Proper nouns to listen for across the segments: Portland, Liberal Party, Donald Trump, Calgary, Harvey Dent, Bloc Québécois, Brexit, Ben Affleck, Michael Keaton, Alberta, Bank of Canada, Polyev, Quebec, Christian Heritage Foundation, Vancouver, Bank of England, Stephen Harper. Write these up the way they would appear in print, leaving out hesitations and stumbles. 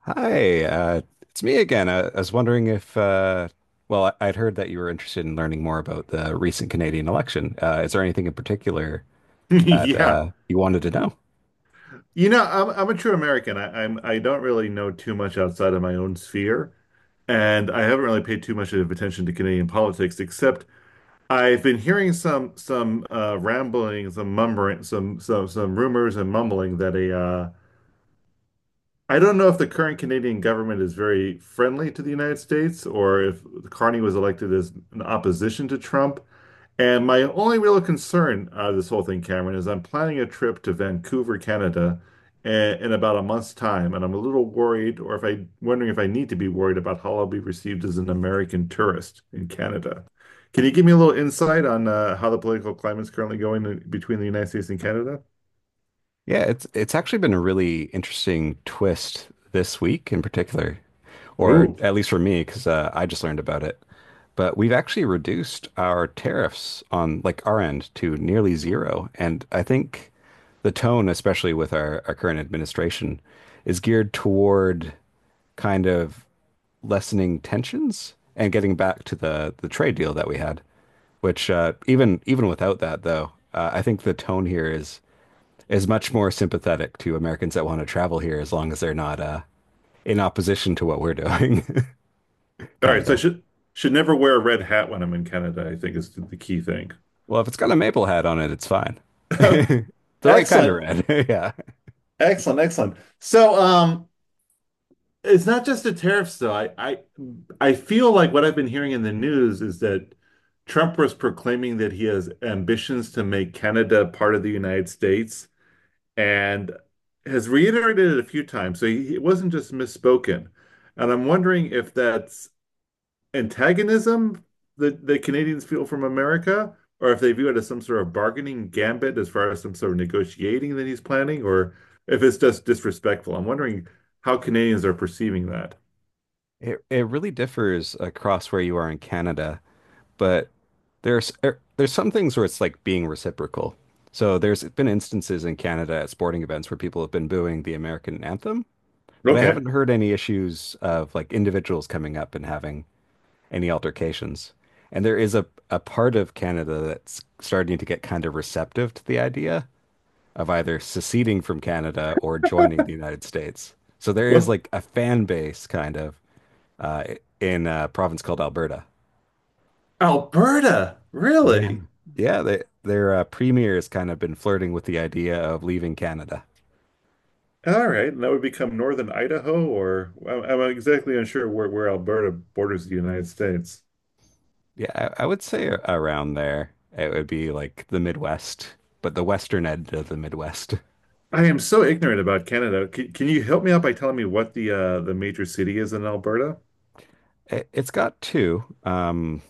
Hi, it's me again. I was wondering if, I'd heard that you were interested in learning more about the recent Canadian election. Is there anything in particular that Yeah. You wanted to know? You know, I'm a true American. I don't really know too much outside of my own sphere, and I haven't really paid too much of attention to Canadian politics, except I've been hearing some rambling, some mumbling, some rumors and mumbling that a I don't know if the current Canadian government is very friendly to the United States, or if Carney was elected as an opposition to Trump. And my only real concern this whole thing, Cameron, is I'm planning a trip to Vancouver, Canada, in about a month's time, and I'm a little worried, or if I wondering if I need to be worried about how I'll be received as an American tourist in Canada. Can you give me a little insight on how the political climate's currently going between the United States and Canada? Yeah, it's actually been a really interesting twist this week in particular, or Oh. at least for me, because I just learned about it. But we've actually reduced our tariffs on like our end to nearly zero, and I think the tone, especially with our current administration, is geared toward kind of lessening tensions and getting back to the trade deal that we had. Which even without that, though, I think the tone here is much more sympathetic to Americans that want to travel here as long as they're not in opposition to what we're doing. All right, so I Kinda. Should never wear a red hat when I'm in Canada, I think is the key thing. Well, if it's got a maple hat on it, it's fine. The right kind of Excellent. red. Yeah. Excellent, excellent. So, it's not just the tariffs though. I feel like what I've been hearing in the news is that Trump was proclaiming that he has ambitions to make Canada part of the United States, and has reiterated it a few times. So it wasn't just misspoken. And I'm wondering if that's antagonism that the Canadians feel from America, or if they view it as some sort of bargaining gambit as far as some sort of negotiating that he's planning, or if it's just disrespectful. I'm wondering how Canadians are perceiving that. It really differs across where you are in Canada, but there's some things where it's like being reciprocal. So there's been instances in Canada at sporting events where people have been booing the American anthem, but I Okay. haven't heard any issues of like individuals coming up and having any altercations. And there is a part of Canada that's starting to get kind of receptive to the idea of either seceding from Canada or joining the United States. So there is Well, like a fan base kind of uh, in a province called Alberta. Alberta, Yeah. really? Yeah, their premier has kind of been flirting with the idea of leaving Canada. All right, and that would become Northern Idaho, or I'm exactly unsure where Alberta borders the United States. Yeah, I would say around there. It would be like the Midwest, but the western end of the Midwest. I am so ignorant about Canada. Can you help me out by telling me what the major city is in Alberta? It's got two.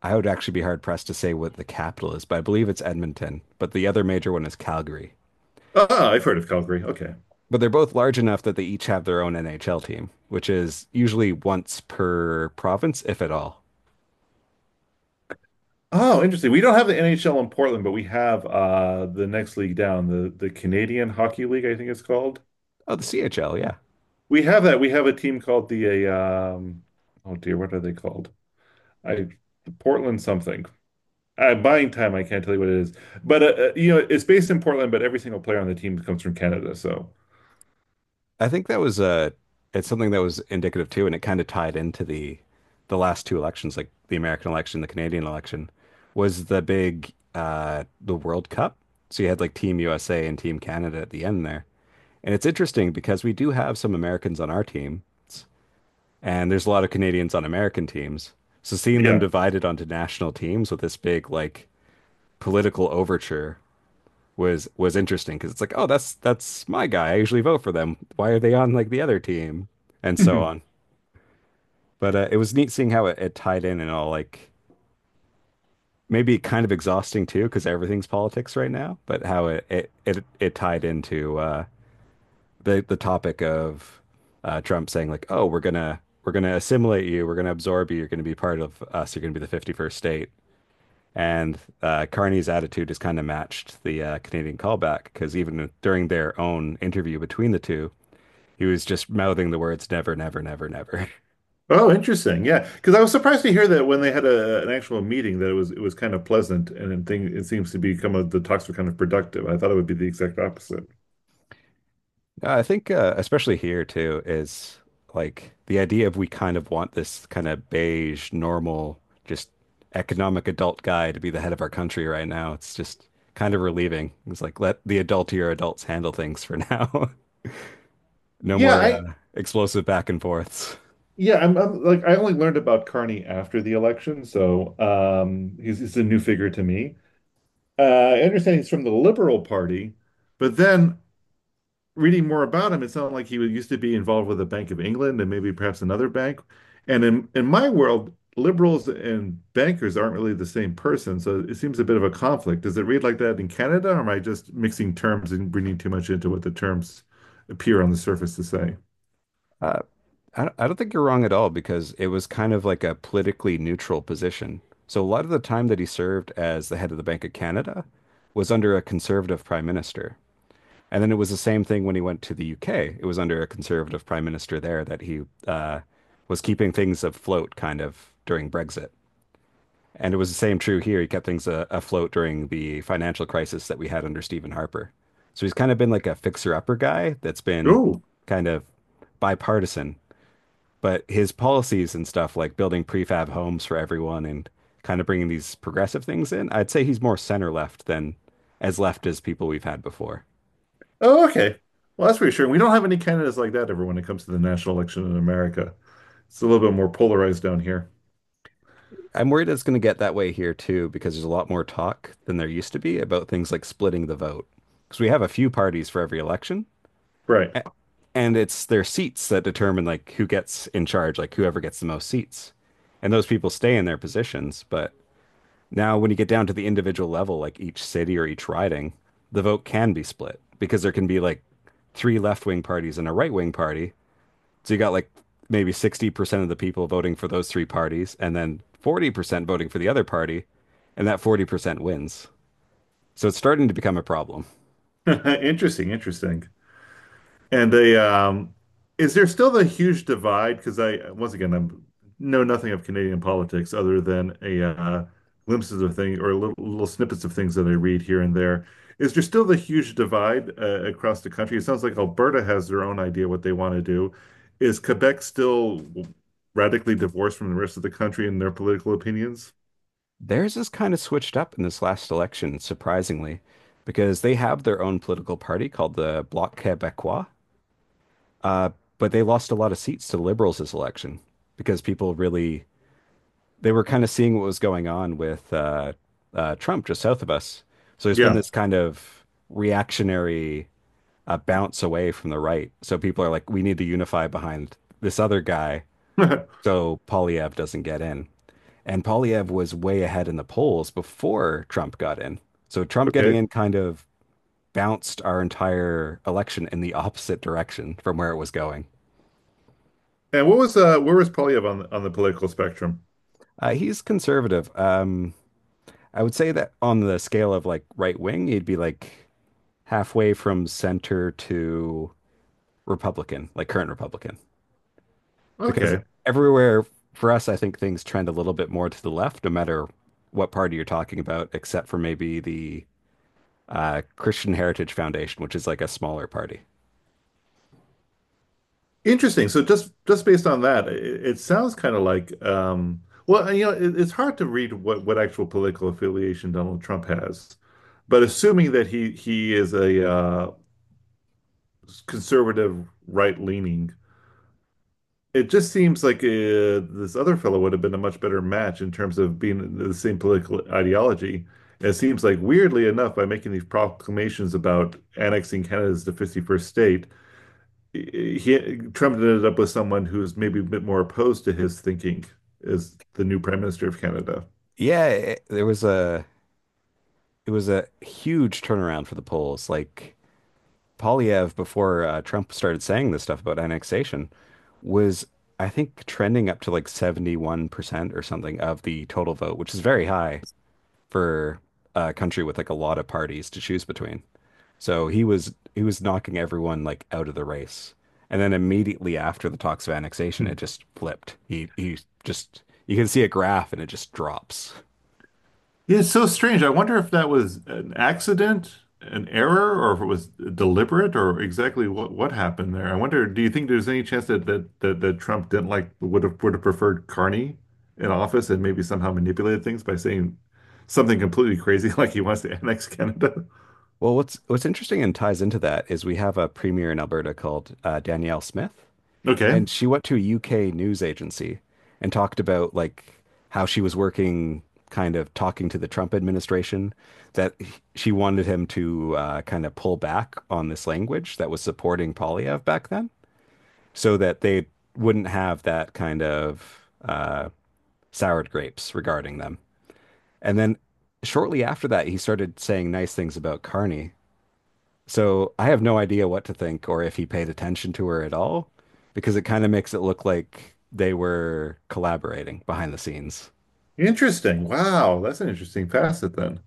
I would actually be hard pressed to say what the capital is, but I believe it's Edmonton. But the other major one is Calgary. Ah, I've heard of Calgary. Okay. But they're both large enough that they each have their own NHL team, which is usually once per province, if at all. Oh, interesting. We don't have the NHL in Portland, but we have the next league down, the Canadian Hockey League, I think it's called. Oh, the CHL, yeah. We have that. We have a team called the oh dear, what are they called? I Portland something. Buying time, I can't tell you what it is. But you know, it's based in Portland, but every single player on the team comes from Canada, so I think that was it's something that was indicative too, and it kind of tied into the last two elections, like the American election, the Canadian election, was the big the World Cup. So you had like Team USA and Team Canada at the end there. And it's interesting because we do have some Americans on our teams, and there's a lot of Canadians on American teams. So seeing them yeah. divided onto national teams with this big like political overture was interesting because it's like, oh, that's my guy. I usually vote for them. Why are they on like the other team? And so Mhm. on. But it was neat seeing how it tied in and all like maybe kind of exhausting too because everything's politics right now. But how it tied into the topic of Trump saying like, oh, we're gonna assimilate you, we're gonna absorb you, you're gonna be part of us, you're gonna be the 51st state. And Carney's attitude is kind of matched the Canadian callback because even during their own interview between the two, he was just mouthing the words never, never, never, never. Oh, interesting. Yeah, because I was surprised to hear that when they had an actual meeting that it was kind of pleasant, and it, thing, it seems to become kind the talks were kind of productive. I thought it would be the exact opposite. I think, especially here too, is like the idea of we kind of want this kind of beige, normal, just economic adult guy to be the head of our country right now. It's just kind of relieving. It's like let the adultier adults handle things for now. No Yeah, more I explosive back and forths. yeah, I'm like I only learned about Carney after the election, so he's a new figure to me. I understand he's from the Liberal Party, but then reading more about him, it sounded like he was used to be involved with the Bank of England, and maybe perhaps another bank. And in my world, liberals and bankers aren't really the same person, so it seems a bit of a conflict. Does it read like that in Canada, or am I just mixing terms and reading too much into what the terms appear on the surface to say? Uh, I don't think you're wrong at all because it was kind of like a politically neutral position. So a lot of the time that he served as the head of the Bank of Canada was under a conservative prime minister. And then it was the same thing when he went to the UK. It was under a conservative prime minister there that he uh, was keeping things afloat kind of during Brexit. And it was the same true here. He kept things afloat during the financial crisis that we had under Stephen Harper. So he's kind of been like a fixer-upper guy that's been Oh. kind of bipartisan, but his policies and stuff like building prefab homes for everyone and kind of bringing these progressive things in, I'd say he's more center left than as left as people we've had before. Oh, okay. Well, that's reassuring. We don't have any candidates like that ever when it comes to the national election in America. It's a little bit more polarized down here. I'm worried it's going to get that way here too because there's a lot more talk than there used to be about things like splitting the vote. Because we have a few parties for every election, Right. and it's their seats that determine like who gets in charge, like whoever gets the most seats. And those people stay in their positions, but now, when you get down to the individual level, like each city or each riding, the vote can be split because there can be like three left wing parties and a right wing party. So you got like maybe 60% of the people voting for those three parties and then 40% voting for the other party, and that 40% wins. So it's starting to become a problem. Interesting, interesting. And is there still the huge divide? Because I, once again, I'm know nothing of Canadian politics other than a glimpses of things, or little snippets of things that I read here and there. Is there still the huge divide across the country? It sounds like Alberta has their own idea what they want to do. Is Quebec still radically divorced from the rest of the country in their political opinions? Theirs is kind of switched up in this last election, surprisingly, because they have their own political party called the Bloc Québécois, uh, but they lost a lot of seats to Liberals this election because people really they were kind of seeing what was going on with Trump just south of us. So there's been Yeah. this kind of reactionary bounce away from the right. So people are like, we need to unify behind this other guy so Polyev doesn't get in. And Polyev was way ahead in the polls before Trump got in. So Trump getting Okay. in kind of bounced our entire election in the opposite direction from where it was going. And what was where was Polyev on on the political spectrum? He's conservative. I would say that on the scale of like right wing, he'd be like halfway from center to Republican, like current Republican. Because Okay. everywhere for us, I think things trend a little bit more to the left, no matter what party you're talking about, except for maybe the Christian Heritage Foundation, which is like a smaller party. Interesting. So just based on that, it sounds kind of like well, you know, it's hard to read what actual political affiliation Donald Trump has. But assuming that he is a conservative right-leaning, it just seems like this other fellow would have been a much better match in terms of being the same political ideology. It seems like, weirdly enough, by making these proclamations about annexing Canada's the 51st state, he Trump ended up with someone who's maybe a bit more opposed to his thinking as the new Prime Minister of Canada. Yeah, it was a huge turnaround for the polls. Like Polyev, before Trump started saying this stuff about annexation, was I think trending up to like 71% or something of the total vote, which is very high for a country with like a lot of parties to choose between. So he was knocking everyone like out of the race. And then immediately after the talks of annexation, it Hmm. just flipped. He just you can see a graph and it just drops. Yeah, it's so strange. I wonder if that was an accident, an error, or if it was deliberate, or exactly what happened there. I wonder, do you think there's any chance that Trump didn't like would have preferred Carney in office, and maybe somehow manipulated things by saying something completely crazy like he wants to annex Canada? Well, what's interesting and ties into that is we have a premier in Alberta called Danielle Smith. Okay. And she went to a UK news agency and talked about like how she was working, kind of talking to the Trump administration, that she wanted him to kind of pull back on this language that was supporting Polyev back then, so that they wouldn't have that kind of soured grapes regarding them. And then shortly after that, he started saying nice things about Carney. So I have no idea what to think or if he paid attention to her at all, because it kind of makes it look like they were collaborating behind the scenes. Interesting. Wow, that's an interesting facet then.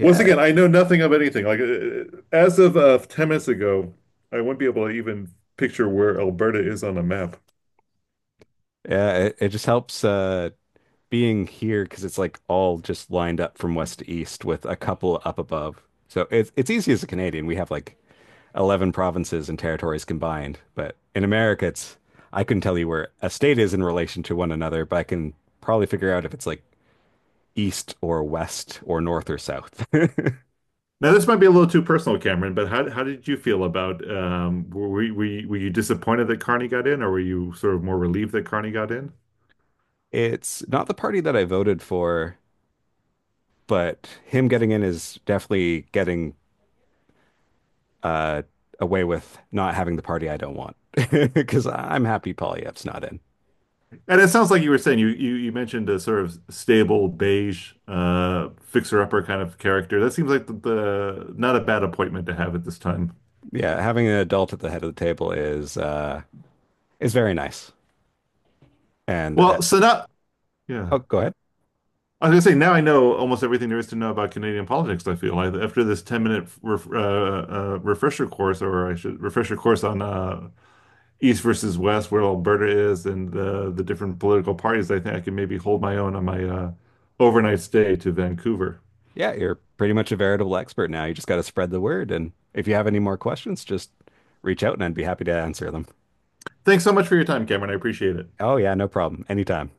Once again, I know nothing of anything. Like as of 10 minutes ago, I wouldn't be able to even picture where Alberta is on a map. yeah, it just helps being here because it's like all just lined up from west to east with a couple up above. So it's easy as a Canadian. We have like 11 provinces and territories combined, but in America it's I couldn't tell you where a state is in relation to one another, but I can probably figure out if it's like east or west or north or south. Now, this might be a little too personal, Cameron, but how did you feel about were you, were you disappointed that Carney got in, or were you sort of more relieved that Carney got in? It's not the party that I voted for, but him getting in is definitely getting uh, away with not having the party I don't want. Because I'm happy Polyef's not in. And it sounds like you were saying you mentioned a sort of stable beige fixer-upper kind of character. That seems like the not a bad appointment to have at this time. Yeah, having an adult at the head of the table is very nice. And Well, so not yeah. oh, go ahead. I was gonna say now I know almost everything there is to know about Canadian politics. I feel like after this 10 minute refresher course, on East versus West, where Alberta is, and the different political parties. I think I can maybe hold my own on my overnight stay to Vancouver. Yeah, you're pretty much a veritable expert now. You just got to spread the word. And if you have any more questions, just reach out and I'd be happy to answer them. Thanks so much for your time, Cameron. I appreciate it. Oh yeah, no problem. Anytime.